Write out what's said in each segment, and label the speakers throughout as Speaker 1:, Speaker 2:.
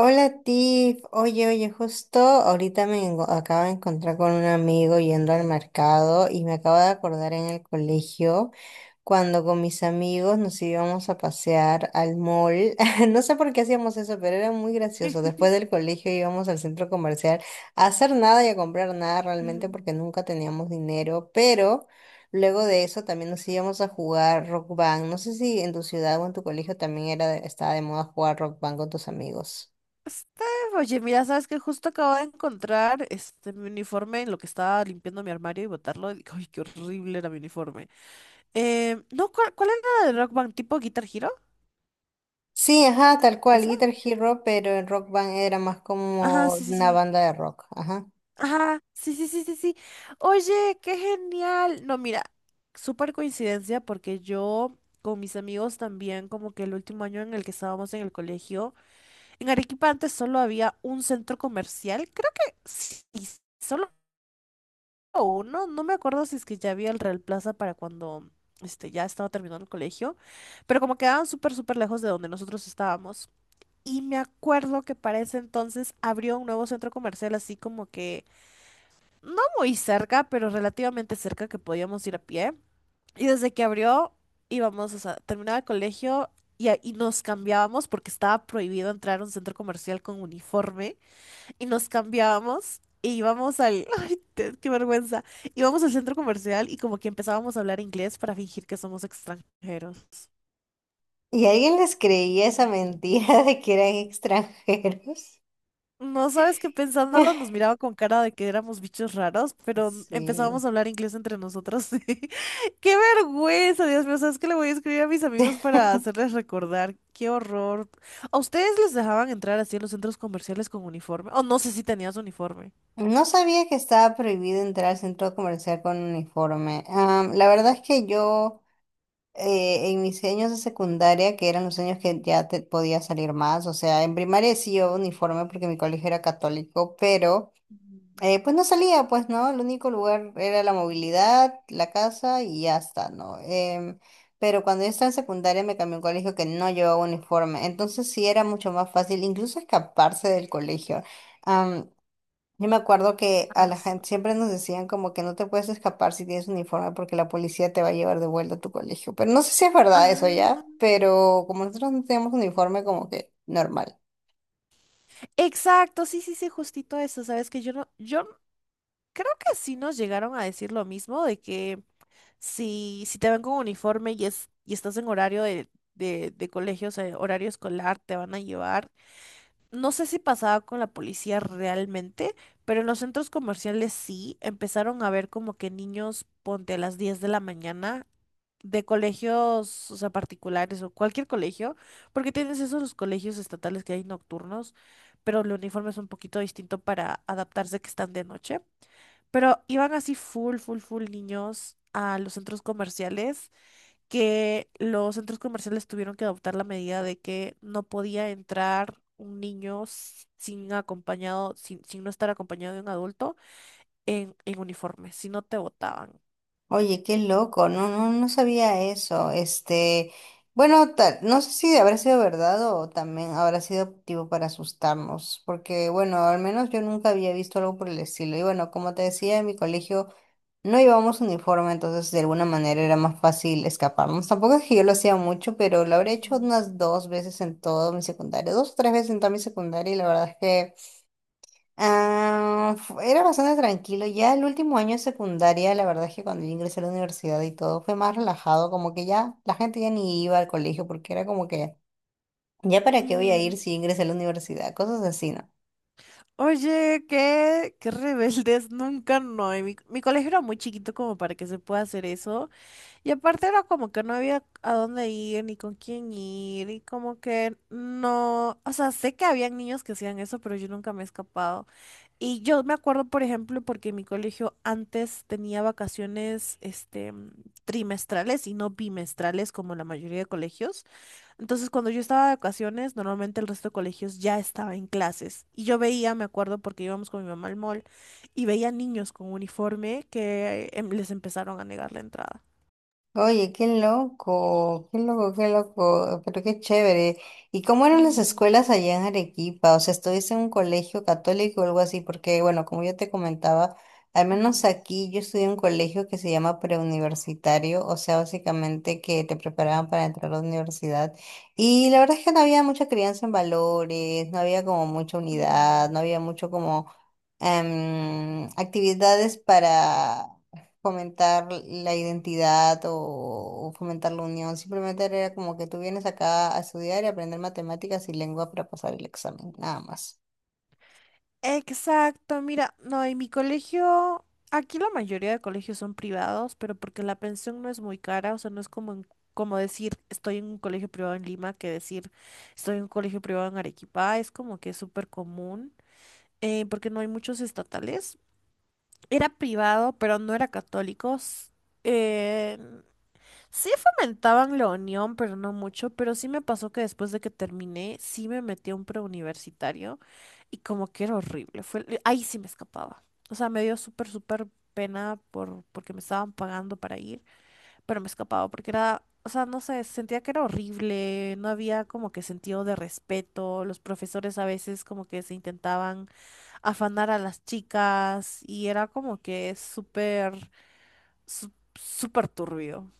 Speaker 1: Hola Tiff, oye, oye, justo ahorita acabo de encontrar con un amigo yendo al mercado y me acabo de acordar en el colegio cuando con mis amigos nos íbamos a pasear al mall. No sé por qué hacíamos eso, pero era muy gracioso. Después del colegio íbamos al centro comercial a hacer nada y a comprar nada realmente porque nunca teníamos dinero, pero luego de eso también nos íbamos a jugar Rock Band. No sé si en tu ciudad o en tu colegio también estaba de moda jugar Rock Band con tus amigos.
Speaker 2: Este, oye, mira, sabes que justo acabo de encontrar mi uniforme en lo que estaba limpiando mi armario y botarlo. Y dije, ay, qué horrible era mi uniforme. No, ¿cuál era la de Rock Band? ¿Tipo Guitar Hero?
Speaker 1: Sí, ajá, tal cual,
Speaker 2: ¿Esa?
Speaker 1: Guitar Hero, pero en Rock Band era más
Speaker 2: Ajá,
Speaker 1: como
Speaker 2: sí, sí,
Speaker 1: una
Speaker 2: sí.
Speaker 1: banda de rock, ajá.
Speaker 2: Ajá, sí, sí, sí, sí, sí. Oye, qué genial. No, mira, súper coincidencia porque yo con mis amigos también, como que el último año en el que estábamos en el colegio, en Arequipa antes solo había un centro comercial, creo que sí, solo. O no, no me acuerdo si es que ya había el Real Plaza para cuando ya estaba terminando el colegio, pero como quedaban súper, súper lejos de donde nosotros estábamos. Y me acuerdo que para ese entonces abrió un nuevo centro comercial así como que no muy cerca, pero relativamente cerca que podíamos ir a pie. Y desde que abrió íbamos, o sea, terminaba el colegio y nos cambiábamos porque estaba prohibido entrar a un centro comercial con uniforme y nos cambiábamos y íbamos al... Ay, qué vergüenza. Íbamos al centro comercial y como que empezábamos a hablar inglés para fingir que somos extranjeros.
Speaker 1: ¿Y alguien les creía esa mentira de que eran extranjeros?
Speaker 2: No sabes que pensándolo nos miraba con cara de que éramos bichos raros, pero
Speaker 1: Sí.
Speaker 2: empezábamos a hablar inglés entre nosotros. Sí. ¡Qué vergüenza, Dios mío! ¿Sabes qué? Le voy a escribir a mis amigos para hacerles recordar. ¡Qué horror! ¿A ustedes les dejaban entrar así en los centros comerciales con uniforme? O no sé si tenías uniforme.
Speaker 1: No sabía que estaba prohibido entrar al centro comercial con uniforme. La verdad es que yo en mis años de secundaria, que eran los años que ya te podía salir más, o sea, en primaria sí llevaba uniforme porque mi colegio era católico, pero pues no salía, pues no, el único lugar era la movilidad, la casa y ya está, ¿no? Pero cuando yo estaba en secundaria me cambié a un colegio que no llevaba uniforme, entonces sí era mucho más fácil incluso escaparse del colegio. Am, yo me acuerdo que a
Speaker 2: Ah,
Speaker 1: la
Speaker 2: su-
Speaker 1: gente siempre nos decían como que no te puedes escapar si tienes uniforme porque la policía te va a llevar de vuelta a tu colegio, pero no sé si es verdad eso
Speaker 2: Ah.
Speaker 1: ya, pero como nosotros no teníamos uniforme como que normal.
Speaker 2: Exacto, sí, sí, sí, justito eso, sabes que yo no, yo creo que sí nos llegaron a decir lo mismo, de que si te ven con uniforme y y estás en horario de colegio, o sea, horario escolar, te van a llevar. No sé si pasaba con la policía realmente, pero en los centros comerciales sí, empezaron a ver como que niños, ponte a las 10 de la mañana de colegios, o sea, particulares o cualquier colegio, porque tienes esos los colegios estatales que hay nocturnos, pero el uniforme es un poquito distinto para adaptarse que están de noche. Pero iban así full, full, full niños a los centros comerciales, que los centros comerciales tuvieron que adoptar la medida de que no podía entrar un niño sin acompañado, sin no estar acompañado de un adulto en uniforme, si no te botaban.
Speaker 1: Oye, qué loco, no, no, no sabía eso. Este, bueno, no sé si habrá sido verdad o también habrá sido tipo para asustarnos, porque bueno, al menos yo nunca había visto algo por el estilo. Y bueno, como te decía, en mi colegio no llevábamos uniforme, entonces de alguna manera era más fácil escaparnos. Tampoco es que yo lo hacía mucho, pero lo habré hecho
Speaker 2: Ujú,
Speaker 1: unas dos veces en todo mi secundario, dos o tres veces en toda mi secundaria, y la verdad es que era bastante tranquilo. Ya el último año de secundaria, la verdad es que cuando yo ingresé a la universidad y todo, fue más relajado, como que ya la gente ya ni iba al colegio porque era como que, ¿ya para qué voy a ir
Speaker 2: ujú.
Speaker 1: si ingresé a la universidad? Cosas así, ¿no?
Speaker 2: Oye, qué rebeldes, nunca no. Y mi colegio era muy chiquito como para que se pueda hacer eso. Y aparte era como que no había a dónde ir, ni con quién ir, y como que no. O sea, sé que habían niños que hacían eso, pero yo nunca me he escapado. Y yo me acuerdo, por ejemplo, porque mi colegio antes tenía vacaciones, trimestrales y no bimestrales como la mayoría de colegios. Entonces, cuando yo estaba de vacaciones, normalmente el resto de colegios ya estaba en clases. Y yo veía, me acuerdo, porque íbamos con mi mamá al mall, y veía niños con uniforme que les empezaron a negar la entrada.
Speaker 1: Oye, qué loco, qué loco, qué loco, pero qué chévere. ¿Y cómo eran las
Speaker 2: Ujú,
Speaker 1: escuelas allá en Arequipa? O sea, ¿estuviste en un colegio católico o algo así? Porque, bueno, como yo te comentaba, al
Speaker 2: ujú,
Speaker 1: menos aquí yo estudié en un colegio que se llama preuniversitario, o sea, básicamente que te preparaban para entrar a la universidad. Y la verdad es que no había mucha crianza en valores, no había como mucha unidad,
Speaker 2: ujú.
Speaker 1: no había mucho como actividades para fomentar la identidad o fomentar la unión. Simplemente era como que tú vienes acá a estudiar y aprender matemáticas y lengua para pasar el examen, nada más.
Speaker 2: Exacto, mira, no, en mi colegio, aquí la mayoría de colegios son privados, pero porque la pensión no es muy cara, o sea, no es como decir estoy en un colegio privado en Lima que decir estoy en un colegio privado en Arequipa, es como que es súper común porque no hay muchos estatales. Era privado, pero no era católicos. Eh, sí fomentaban la unión, pero no mucho, pero sí me pasó que después de que terminé, sí me metí a un preuniversitario y como que era horrible, fue, ahí sí me escapaba. O sea, me dio súper, súper pena porque me estaban pagando para ir, pero me escapaba porque era, o sea, no sé, sentía que era horrible, no había como que sentido de respeto, los profesores a veces como que se intentaban afanar a las chicas y era como que súper, súper turbio.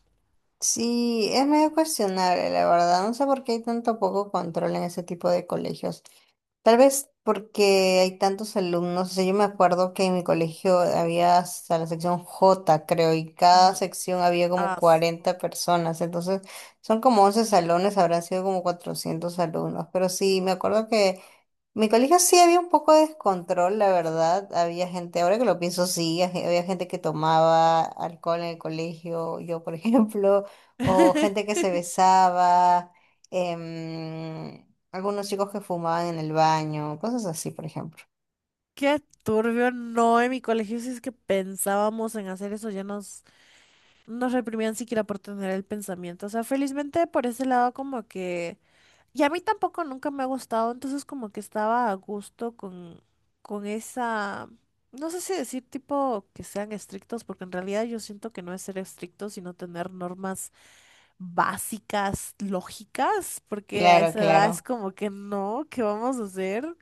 Speaker 1: Sí, es medio cuestionable, la verdad. No sé por qué hay tanto poco control en ese tipo de colegios. Tal vez porque hay tantos alumnos. O sea, yo me acuerdo que en mi colegio había hasta la sección J, creo, y cada
Speaker 2: Ujú.
Speaker 1: sección había como
Speaker 2: Ah, su-
Speaker 1: 40 personas. Entonces, son como 11 salones, habrán sido como 400 alumnos. Pero sí, me acuerdo que mi colegio sí había un poco de descontrol, la verdad. Había gente, ahora que lo pienso, sí, había gente que tomaba alcohol en el colegio, yo por ejemplo, o gente que se besaba, em, algunos chicos que fumaban en el baño, cosas así, por ejemplo.
Speaker 2: Qué turbio, no, en mi colegio si es que pensábamos en hacer eso, ya nos reprimían siquiera por tener el pensamiento. O sea, felizmente por ese lado como que. Y a mí tampoco nunca me ha gustado, entonces como que estaba a gusto con esa, no sé si decir tipo que sean estrictos, porque en realidad yo siento que no es ser estrictos sino tener normas básicas, lógicas, porque a
Speaker 1: Claro,
Speaker 2: esa edad es
Speaker 1: claro.
Speaker 2: como que no, ¿qué vamos a hacer?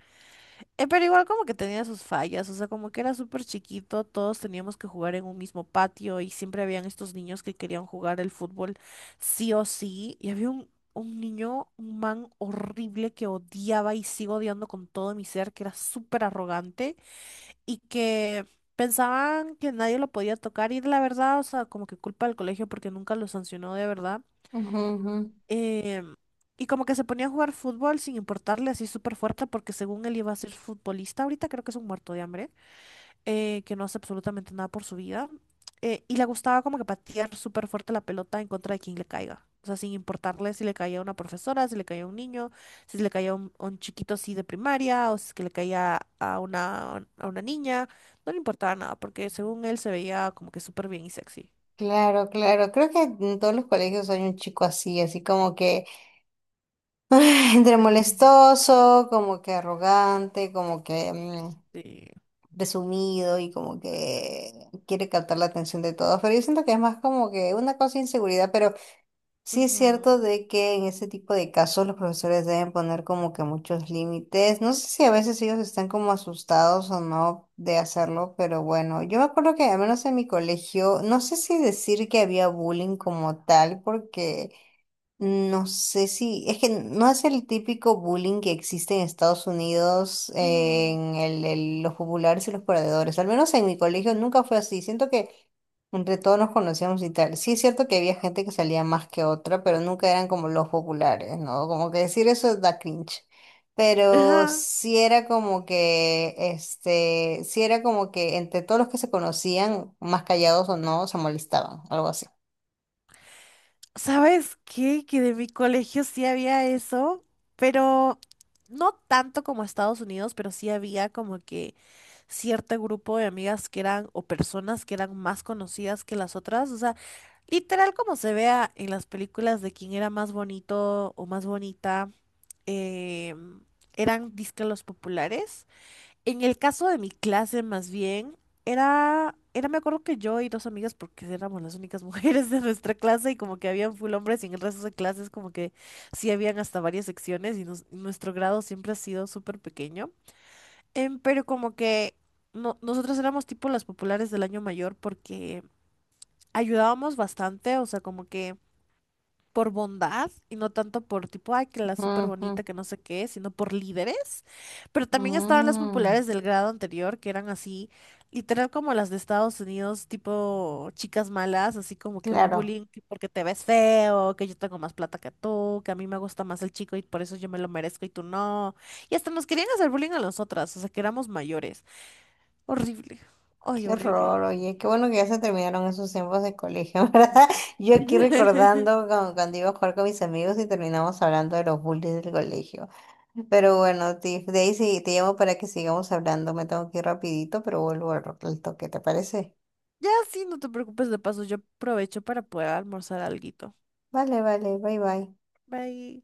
Speaker 2: Pero igual como que tenía sus fallas, o sea, como que era súper chiquito, todos teníamos que jugar en un mismo patio y siempre habían estos niños que querían jugar el fútbol sí o sí. Y había un niño, un man horrible que odiaba y sigo odiando con todo mi ser, que era súper arrogante y que pensaban que nadie lo podía tocar y la verdad, o sea, como que culpa del colegio porque nunca lo sancionó de verdad.
Speaker 1: Ujú, ujú.
Speaker 2: Em, y como que se ponía a jugar fútbol sin importarle así súper fuerte porque según él iba a ser futbolista, ahorita creo que es un muerto de hambre, que no hace absolutamente nada por su vida. Eh, y le gustaba como que patear súper fuerte la pelota en contra de quien le caiga. O sea, sin importarle si le caía a una profesora, si le caía a un niño, si le caía a a un chiquito así de primaria o si es que le caía a a una niña. No le importaba nada porque según él se veía como que súper bien y sexy.
Speaker 1: Claro, claro. Creo que en todos los colegios hay un chico así, así como que entre
Speaker 2: Ujú.
Speaker 1: molestoso, como que arrogante, como que... mm,
Speaker 2: Sí.
Speaker 1: presumido y como que quiere captar la atención de todos, pero yo siento que es más como que una cosa de inseguridad, pero sí es
Speaker 2: Ujú,
Speaker 1: cierto de que en ese tipo de casos los profesores deben poner como que muchos límites. No sé si a veces ellos están como asustados o no de hacerlo, pero bueno, yo me acuerdo que al menos en mi colegio, no sé si decir que había bullying como tal, porque... No sé si, es que no es el típico bullying que existe en Estados Unidos,
Speaker 2: ujú.
Speaker 1: en los populares y los perdedores. Al menos en mi colegio nunca fue así. Siento que entre todos nos conocíamos y tal. Sí es cierto que había gente que salía más que otra, pero nunca eran como los populares, ¿no? Como que decir eso da cringe. Pero
Speaker 2: Ajá,
Speaker 1: sí era como que, este, sí era como que entre todos los que se conocían, más callados o no, se molestaban, algo así.
Speaker 2: ¿sabes qué? Que de mi colegio sí había eso, pero no tanto como Estados Unidos, pero sí había como que cierto grupo de amigas que eran o personas que eran más conocidas que las otras. O sea, literal como se vea en las películas de quién era más bonito o más bonita, em, eran disque los populares. En el caso de mi clase, más bien, me acuerdo que yo y dos amigas, porque éramos las únicas mujeres de nuestra clase y como que habían full hombres y en el resto de clases como que sí habían hasta varias secciones y nuestro grado siempre ha sido súper pequeño. Pero como que no, nosotros éramos tipo las populares del año mayor porque ayudábamos bastante, o sea, como que por bondad y no tanto por tipo, ay, que la súper
Speaker 1: Ujú,
Speaker 2: bonita, que no sé qué, sino por líderes. Pero también estaban las
Speaker 1: ujú.
Speaker 2: populares del grado anterior, que eran así, literal como las de Estados Unidos, tipo chicas malas, así como que un
Speaker 1: Claro,
Speaker 2: bullying que porque te ves feo, que yo tengo más plata que tú, que a mí me gusta más el chico y por eso yo me lo merezco y tú no. Y hasta nos querían hacer bullying a nosotras, o sea, que éramos mayores. Horrible. Ay,
Speaker 1: qué
Speaker 2: horrible.
Speaker 1: horror, oye, qué bueno que ya se terminaron esos tiempos de colegio, ¿verdad? Yo aquí recordando cuando iba a jugar con mis amigos y terminamos hablando de los bullies del colegio. Pero bueno, Tiff, Daisy, te llamo para que sigamos hablando, me tengo que ir rapidito, pero vuelvo al toque, ¿te parece?
Speaker 2: Ya sí, no te preocupes, de paso yo aprovecho para poder almorzar algo.
Speaker 1: Vale, vale, bye bye.
Speaker 2: Bye.